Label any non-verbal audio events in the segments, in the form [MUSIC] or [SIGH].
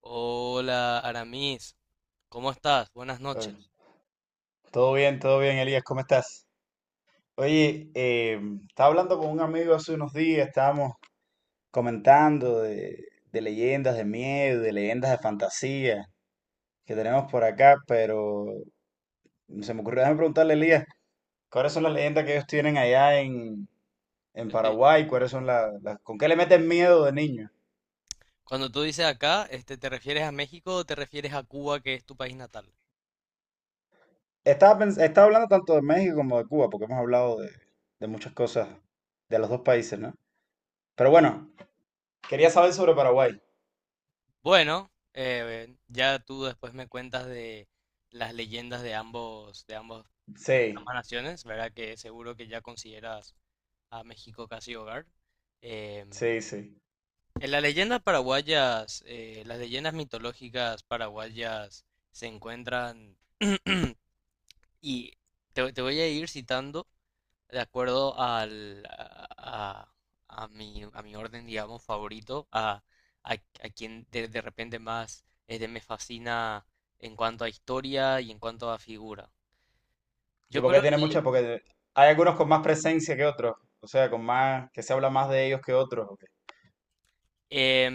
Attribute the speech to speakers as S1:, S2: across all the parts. S1: Hola, Aramis. ¿Cómo estás? Buenas
S2: Eh,
S1: noches.
S2: Todo bien, todo bien, Elías, ¿cómo estás? Oye, estaba hablando con un amigo hace unos días, estábamos comentando de, de leyendas de miedo, de leyendas de fantasía que tenemos por acá, pero se me ocurrió, déjame preguntarle, Elías, ¿cuáles son las leyendas que ellos tienen en
S1: Yo estoy-
S2: Paraguay? ¿Cuáles son las, con qué le meten miedo de niño?
S1: Cuando tú dices acá, ¿te refieres a México o te refieres a Cuba, que es tu país natal?
S2: Estaba hablando tanto de México como de Cuba, porque hemos hablado de muchas cosas de los dos países, ¿no? Pero bueno, quería saber sobre Paraguay.
S1: Bueno, ya tú después me cuentas de las leyendas de
S2: Sí.
S1: ambas naciones, ¿verdad? Que seguro que ya consideras a México casi hogar. Em,
S2: Sí, sí.
S1: en las leyendas paraguayas, las leyendas mitológicas paraguayas se encuentran [CLEARS THROAT] Y te voy a ir citando de acuerdo al, a mi orden, digamos, favorito, a quien de repente más me fascina en cuanto a historia y en cuanto a figura.
S2: ¿Y
S1: Yo
S2: por qué
S1: creo
S2: tiene
S1: que,
S2: muchas? Porque hay algunos con más presencia que otros, o sea, con más, que se habla más de ellos que otros. ¿O qué?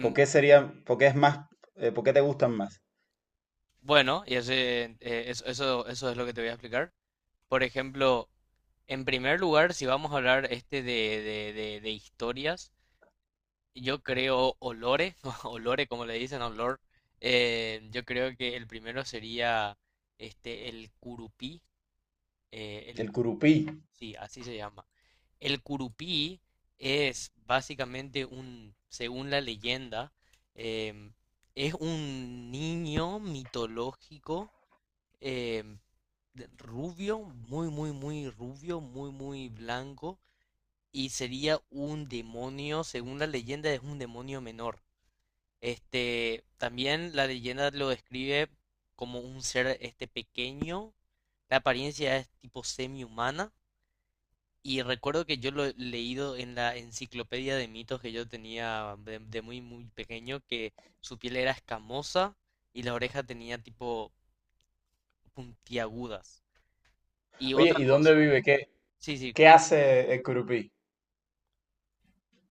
S2: ¿Por qué serían, por qué es más, por qué te gustan más?
S1: bueno, y ese, eso es lo que te voy a explicar. Por ejemplo, en primer lugar, si vamos a hablar de historias, yo creo Olore, [LAUGHS] Olore como le dicen, Olor. Yo creo que el primero sería el curupí, eh, el
S2: El curupí.
S1: curupí, Sí, así se llama. El curupí es básicamente un, según la leyenda, em, es un niño mitológico, em, rubio, muy rubio, muy blanco, y sería un demonio, según la leyenda, es un demonio menor. También la leyenda lo describe como un ser pequeño. La apariencia es tipo semi-humana. Y recuerdo que yo lo he leído en la enciclopedia de mitos que yo tenía de muy muy pequeño, que su piel era escamosa y la oreja tenía tipo puntiagudas. Y
S2: Oye,
S1: otra
S2: ¿y dónde
S1: cosa,
S2: vive? ¿Qué,
S1: sí, sí.
S2: qué hace el curupí?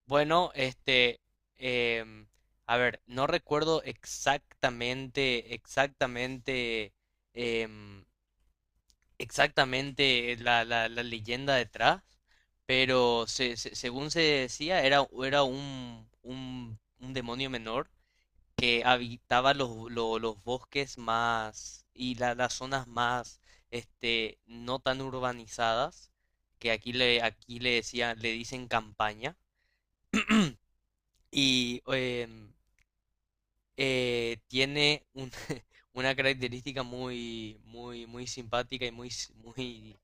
S1: Bueno, em, a ver, no recuerdo em, exactamente la leyenda detrás, pero según se decía, era un demonio menor que habitaba los bosques más y las zonas más no tan urbanizadas, que aquí le dicen campaña, y tiene un- [LAUGHS] una característica muy simpática y muy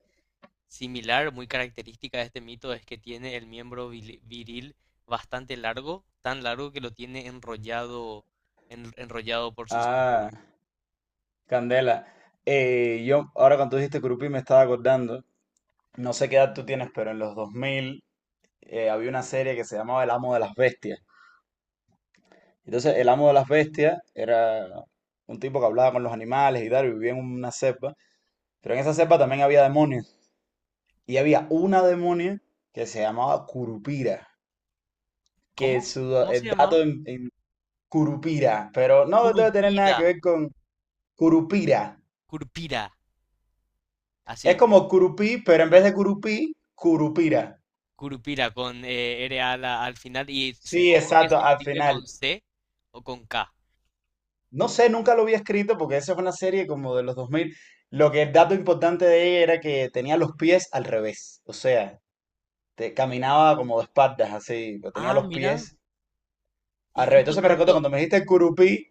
S1: similar, muy característica de este mito es que tiene el miembro viril bastante largo, tan largo que lo tiene enrollado, enrollado por su cintura.
S2: Ah, Candela. Ahora cuando tú dijiste curupí me estaba acordando, no sé qué edad tú tienes, pero en los 2000 había una serie que se llamaba El Amo de las Bestias. Entonces, el Amo de las Bestias era un tipo que hablaba con los animales y tal, y vivía en una cepa. Pero en esa selva también había demonios. Y había una demonia que se llamaba Curupira. Que
S1: ¿Cómo?
S2: su
S1: ¿Cómo se
S2: el
S1: llamaba?
S2: dato en Curupira. Pero no debe tener nada
S1: Curupira.
S2: que ver con Curupira.
S1: Curupira,
S2: Es
S1: así.
S2: como Curupí, pero en vez de Curupí, Curupira.
S1: Curupira con R al final, y
S2: Sí,
S1: supongo que se
S2: exacto, al
S1: escribe
S2: final.
S1: con C o con K.
S2: No sé, nunca lo había escrito porque esa fue una serie como de los dos mil. Lo que el dato importante de ella era que tenía los pies al revés. O sea, caminaba como de espaldas, así. Pero tenía
S1: Ah,
S2: los
S1: mira.
S2: pies al
S1: Y
S2: revés.
S1: esto,
S2: Entonces me recuerdo
S1: esto.
S2: cuando me dijiste Curupí.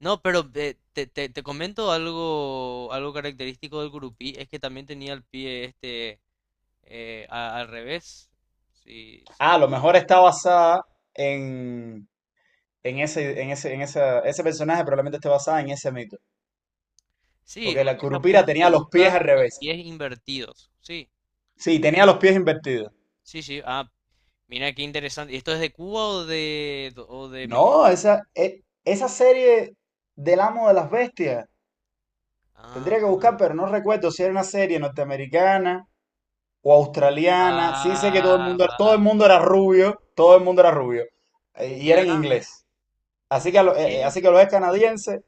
S1: No, pero te comento algo, algo característico del curupí, es que también tenía el pie al revés. Sí,
S2: Ah, a
S1: sí.
S2: lo mejor está basada en, en ese personaje, probablemente esté basada en ese mito.
S1: Sí,
S2: Porque la
S1: orejas
S2: Curupira tenía los pies al
S1: puntiagudas y
S2: revés.
S1: pies invertidos. Sí,
S2: Sí, tenía los pies invertidos.
S1: sí, sí. Ah, mira qué interesante. ¿Esto es de Cuba o o de México?
S2: No, esa serie del Amo de las Bestias, tendría
S1: Ah,
S2: que buscar, pero no recuerdo si era una serie norteamericana o australiana. Sí sé que
S1: ah, va.
S2: todo el mundo era rubio, todo el mundo era rubio. Y era en
S1: Mira,
S2: inglés.
S1: ¿tú
S2: Así que, así
S1: crees?
S2: que lo es canadiense.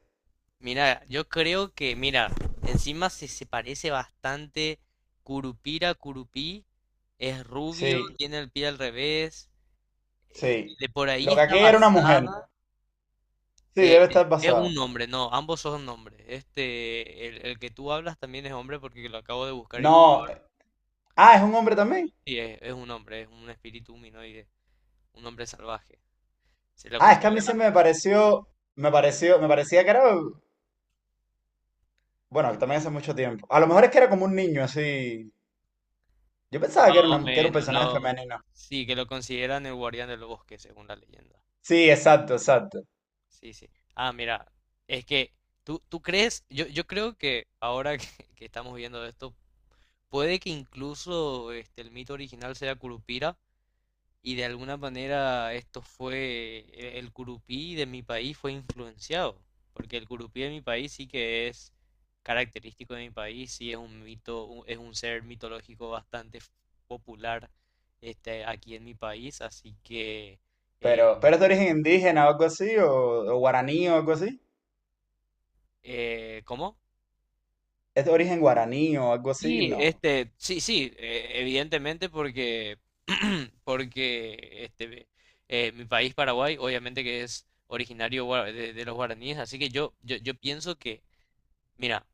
S1: Mira, yo creo que, mira, encima se parece bastante. Curupira, Curupí. Es rubio,
S2: Sí,
S1: tiene el pie al revés.
S2: sí.
S1: De por ahí
S2: Lo que
S1: está
S2: aquella era una mujer.
S1: basada.
S2: Sí,
S1: Eh,
S2: debe estar
S1: es
S2: basada.
S1: un hombre, no, ambos son nombres. Este, el que tú hablas también es hombre porque lo acabo de buscar y
S2: No.
S1: comprobar.
S2: Ah, es un hombre también.
S1: Y es un hombre, es un espíritu humanoide, un hombre salvaje. Se lo
S2: Ah, es que a
S1: considera
S2: mí siempre me pareció, me pareció, me parecía que era, bueno, que también hace mucho tiempo. A lo mejor es que era como un niño, así. Yo
S1: así
S2: pensaba
S1: más
S2: que era,
S1: o
S2: que era un
S1: menos,
S2: personaje
S1: lo,
S2: femenino.
S1: sí, que lo consideran el guardián del bosque, según la leyenda.
S2: Sí, exacto, exacto.
S1: Sí, sí. Ah, mira, es que tú crees, yo creo que ahora [LAUGHS] que estamos viendo esto, puede que incluso el mito original sea Curupira, y de alguna manera esto fue, el curupí de mi país fue influenciado, porque el curupí de mi país sí que es característico de mi país, sí es un mito, es un ser mitológico bastante popular aquí en mi país, así que, eh,
S2: Pero es de origen indígena o algo así, o guaraní o algo así.
S1: ¿cómo?
S2: Es de origen guaraní o algo así,
S1: Sí,
S2: no.
S1: sí, evidentemente porque, [CLEARS THROAT] porque mi país, Paraguay, obviamente que es originario de los guaraníes, así que yo pienso que, mira,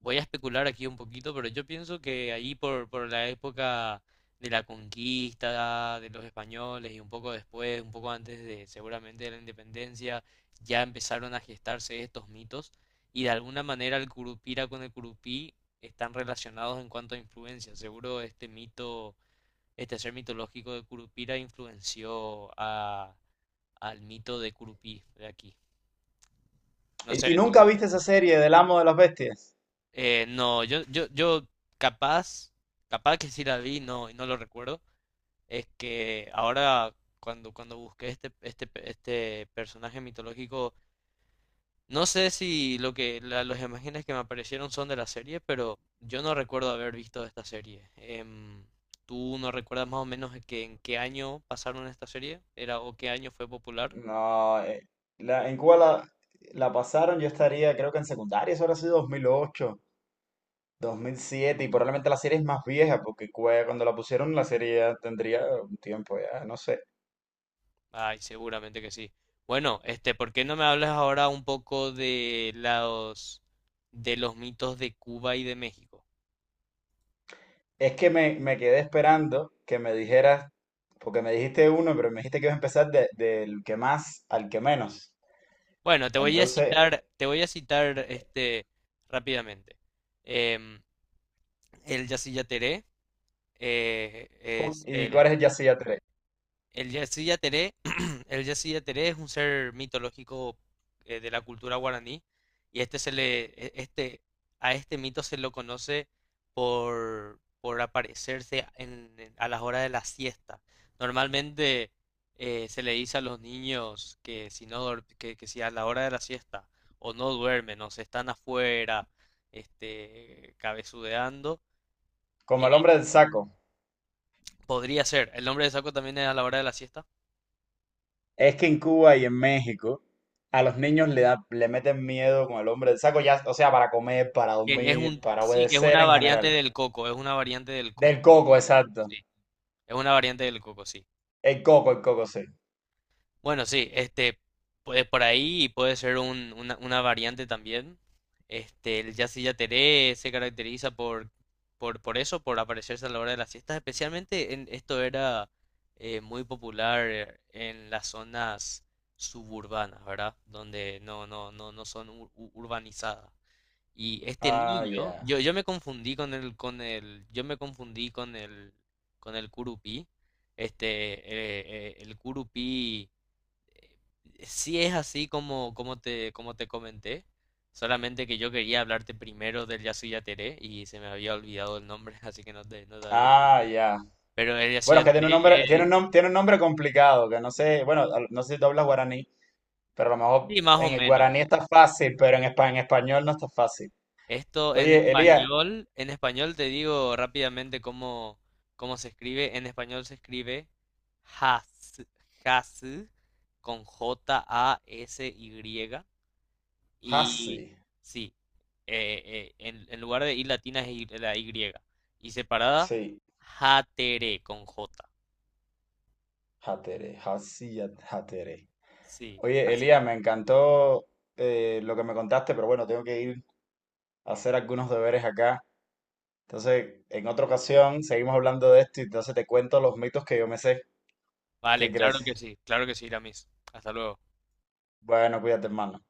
S1: voy a especular aquí un poquito, pero yo pienso que ahí por la época de la conquista de los españoles y un poco después, un poco antes de seguramente de la independencia, ya empezaron a gestarse estos mitos, y de alguna manera el Curupira con el Curupí están relacionados en cuanto a influencia. Seguro este mito, este ser mitológico de Curupira influenció a, al mito de Curupí de aquí. No sé,
S2: Y
S1: tú,
S2: nunca viste esa serie del Amo de las Bestias?
S1: eh, no, yo capaz, capaz que sí la vi, no, y no lo recuerdo. Es que ahora cuando busqué este personaje mitológico, no sé si lo que las imágenes que me aparecieron son de la serie, pero yo no recuerdo haber visto esta serie. ¿Tú no recuerdas más o menos que en qué año pasaron esta serie? ¿Era o qué año fue popular?
S2: No, en Cuba la pasaron, yo estaría, creo que en secundaria, eso habrá sido 2008. 2007 y probablemente la serie es más vieja porque cuando la pusieron la serie ya tendría un tiempo ya, no sé.
S1: Ay, seguramente que sí. Bueno, ¿por qué no me hablas ahora un poco de los mitos de Cuba y de México?
S2: Es que me quedé esperando que me dijeras, porque me dijiste uno, pero me dijiste que ibas a empezar del que más al que menos.
S1: Bueno, te voy a
S2: Entonces,
S1: citar, te voy a citar rápidamente. Em, el Yacyretá es
S2: ¿y cuál es el Yacía tres?
S1: el Yassi Yateré, [CLEARS THROAT] el Yassi Yateré es un ser mitológico de la cultura guaraní, y este se le, e- este, a este mito se lo conoce por aparecerse a las horas de la siesta. Normalmente se le dice a los niños que si no que si a la hora de la siesta o no duermen o se están afuera cabezudeando,
S2: Como
S1: eh,
S2: el hombre del saco.
S1: podría ser. ¿El nombre de saco también es a la hora de la siesta?
S2: Es que en Cuba y en México a los niños le meten miedo con el hombre del saco, ya, o sea, para comer, para
S1: Que es
S2: dormir,
S1: un,
S2: para
S1: sí, que es
S2: obedecer
S1: una
S2: en
S1: variante
S2: general.
S1: del coco, es una variante del
S2: Del
S1: coco.
S2: coco, exacto.
S1: Sí, es una variante del coco, sí.
S2: El coco, sí.
S1: Bueno, sí, puede por ahí puede ser una variante también. Este, el Yacyretá yateré se caracteriza por eso, por aparecerse a la hora de las siestas, especialmente en, esto era muy popular en las zonas suburbanas, ¿verdad? Donde no, no, no, no son urbanizadas. Y este
S2: Ah,
S1: niño,
S2: ya.
S1: yo me confundí yo me confundí con el curupí. Este, el curupí eh, sí es así como, como te comenté. Solamente que yo quería hablarte primero del Yasuyateré y se me había olvidado el nombre, [LAUGHS] así que no te, no te había
S2: Ah,
S1: dicho.
S2: ya.
S1: Pero el
S2: Bueno, es que tiene un
S1: Yasuyateré
S2: nombre, tiene un
S1: es,
S2: tiene un nombre complicado, que no sé, bueno, no sé si tú hablas guaraní, pero a lo
S1: sí,
S2: mejor
S1: más o
S2: en el guaraní
S1: menos.
S2: está fácil, pero en, en español no está fácil.
S1: Esto
S2: Oye, Elías,
S1: en español te digo rápidamente cómo, cómo se escribe. En español se escribe has, has con J A S Y. Y
S2: Hasi,
S1: sí, en lugar de I latina es Y- la Y. Y separada,
S2: sí,
S1: jatere con J.
S2: Hatere, Hatere.
S1: Sí,
S2: Oye,
S1: así.
S2: Elías, me encantó lo que me contaste, pero bueno, tengo que ir a hacer algunos deberes acá. Entonces, en otra ocasión seguimos hablando de esto y entonces te cuento los mitos que yo me sé. ¿Qué
S1: Vale,
S2: crees?
S1: claro que sí, Iramis. Hasta luego.
S2: Bueno, cuídate, hermano.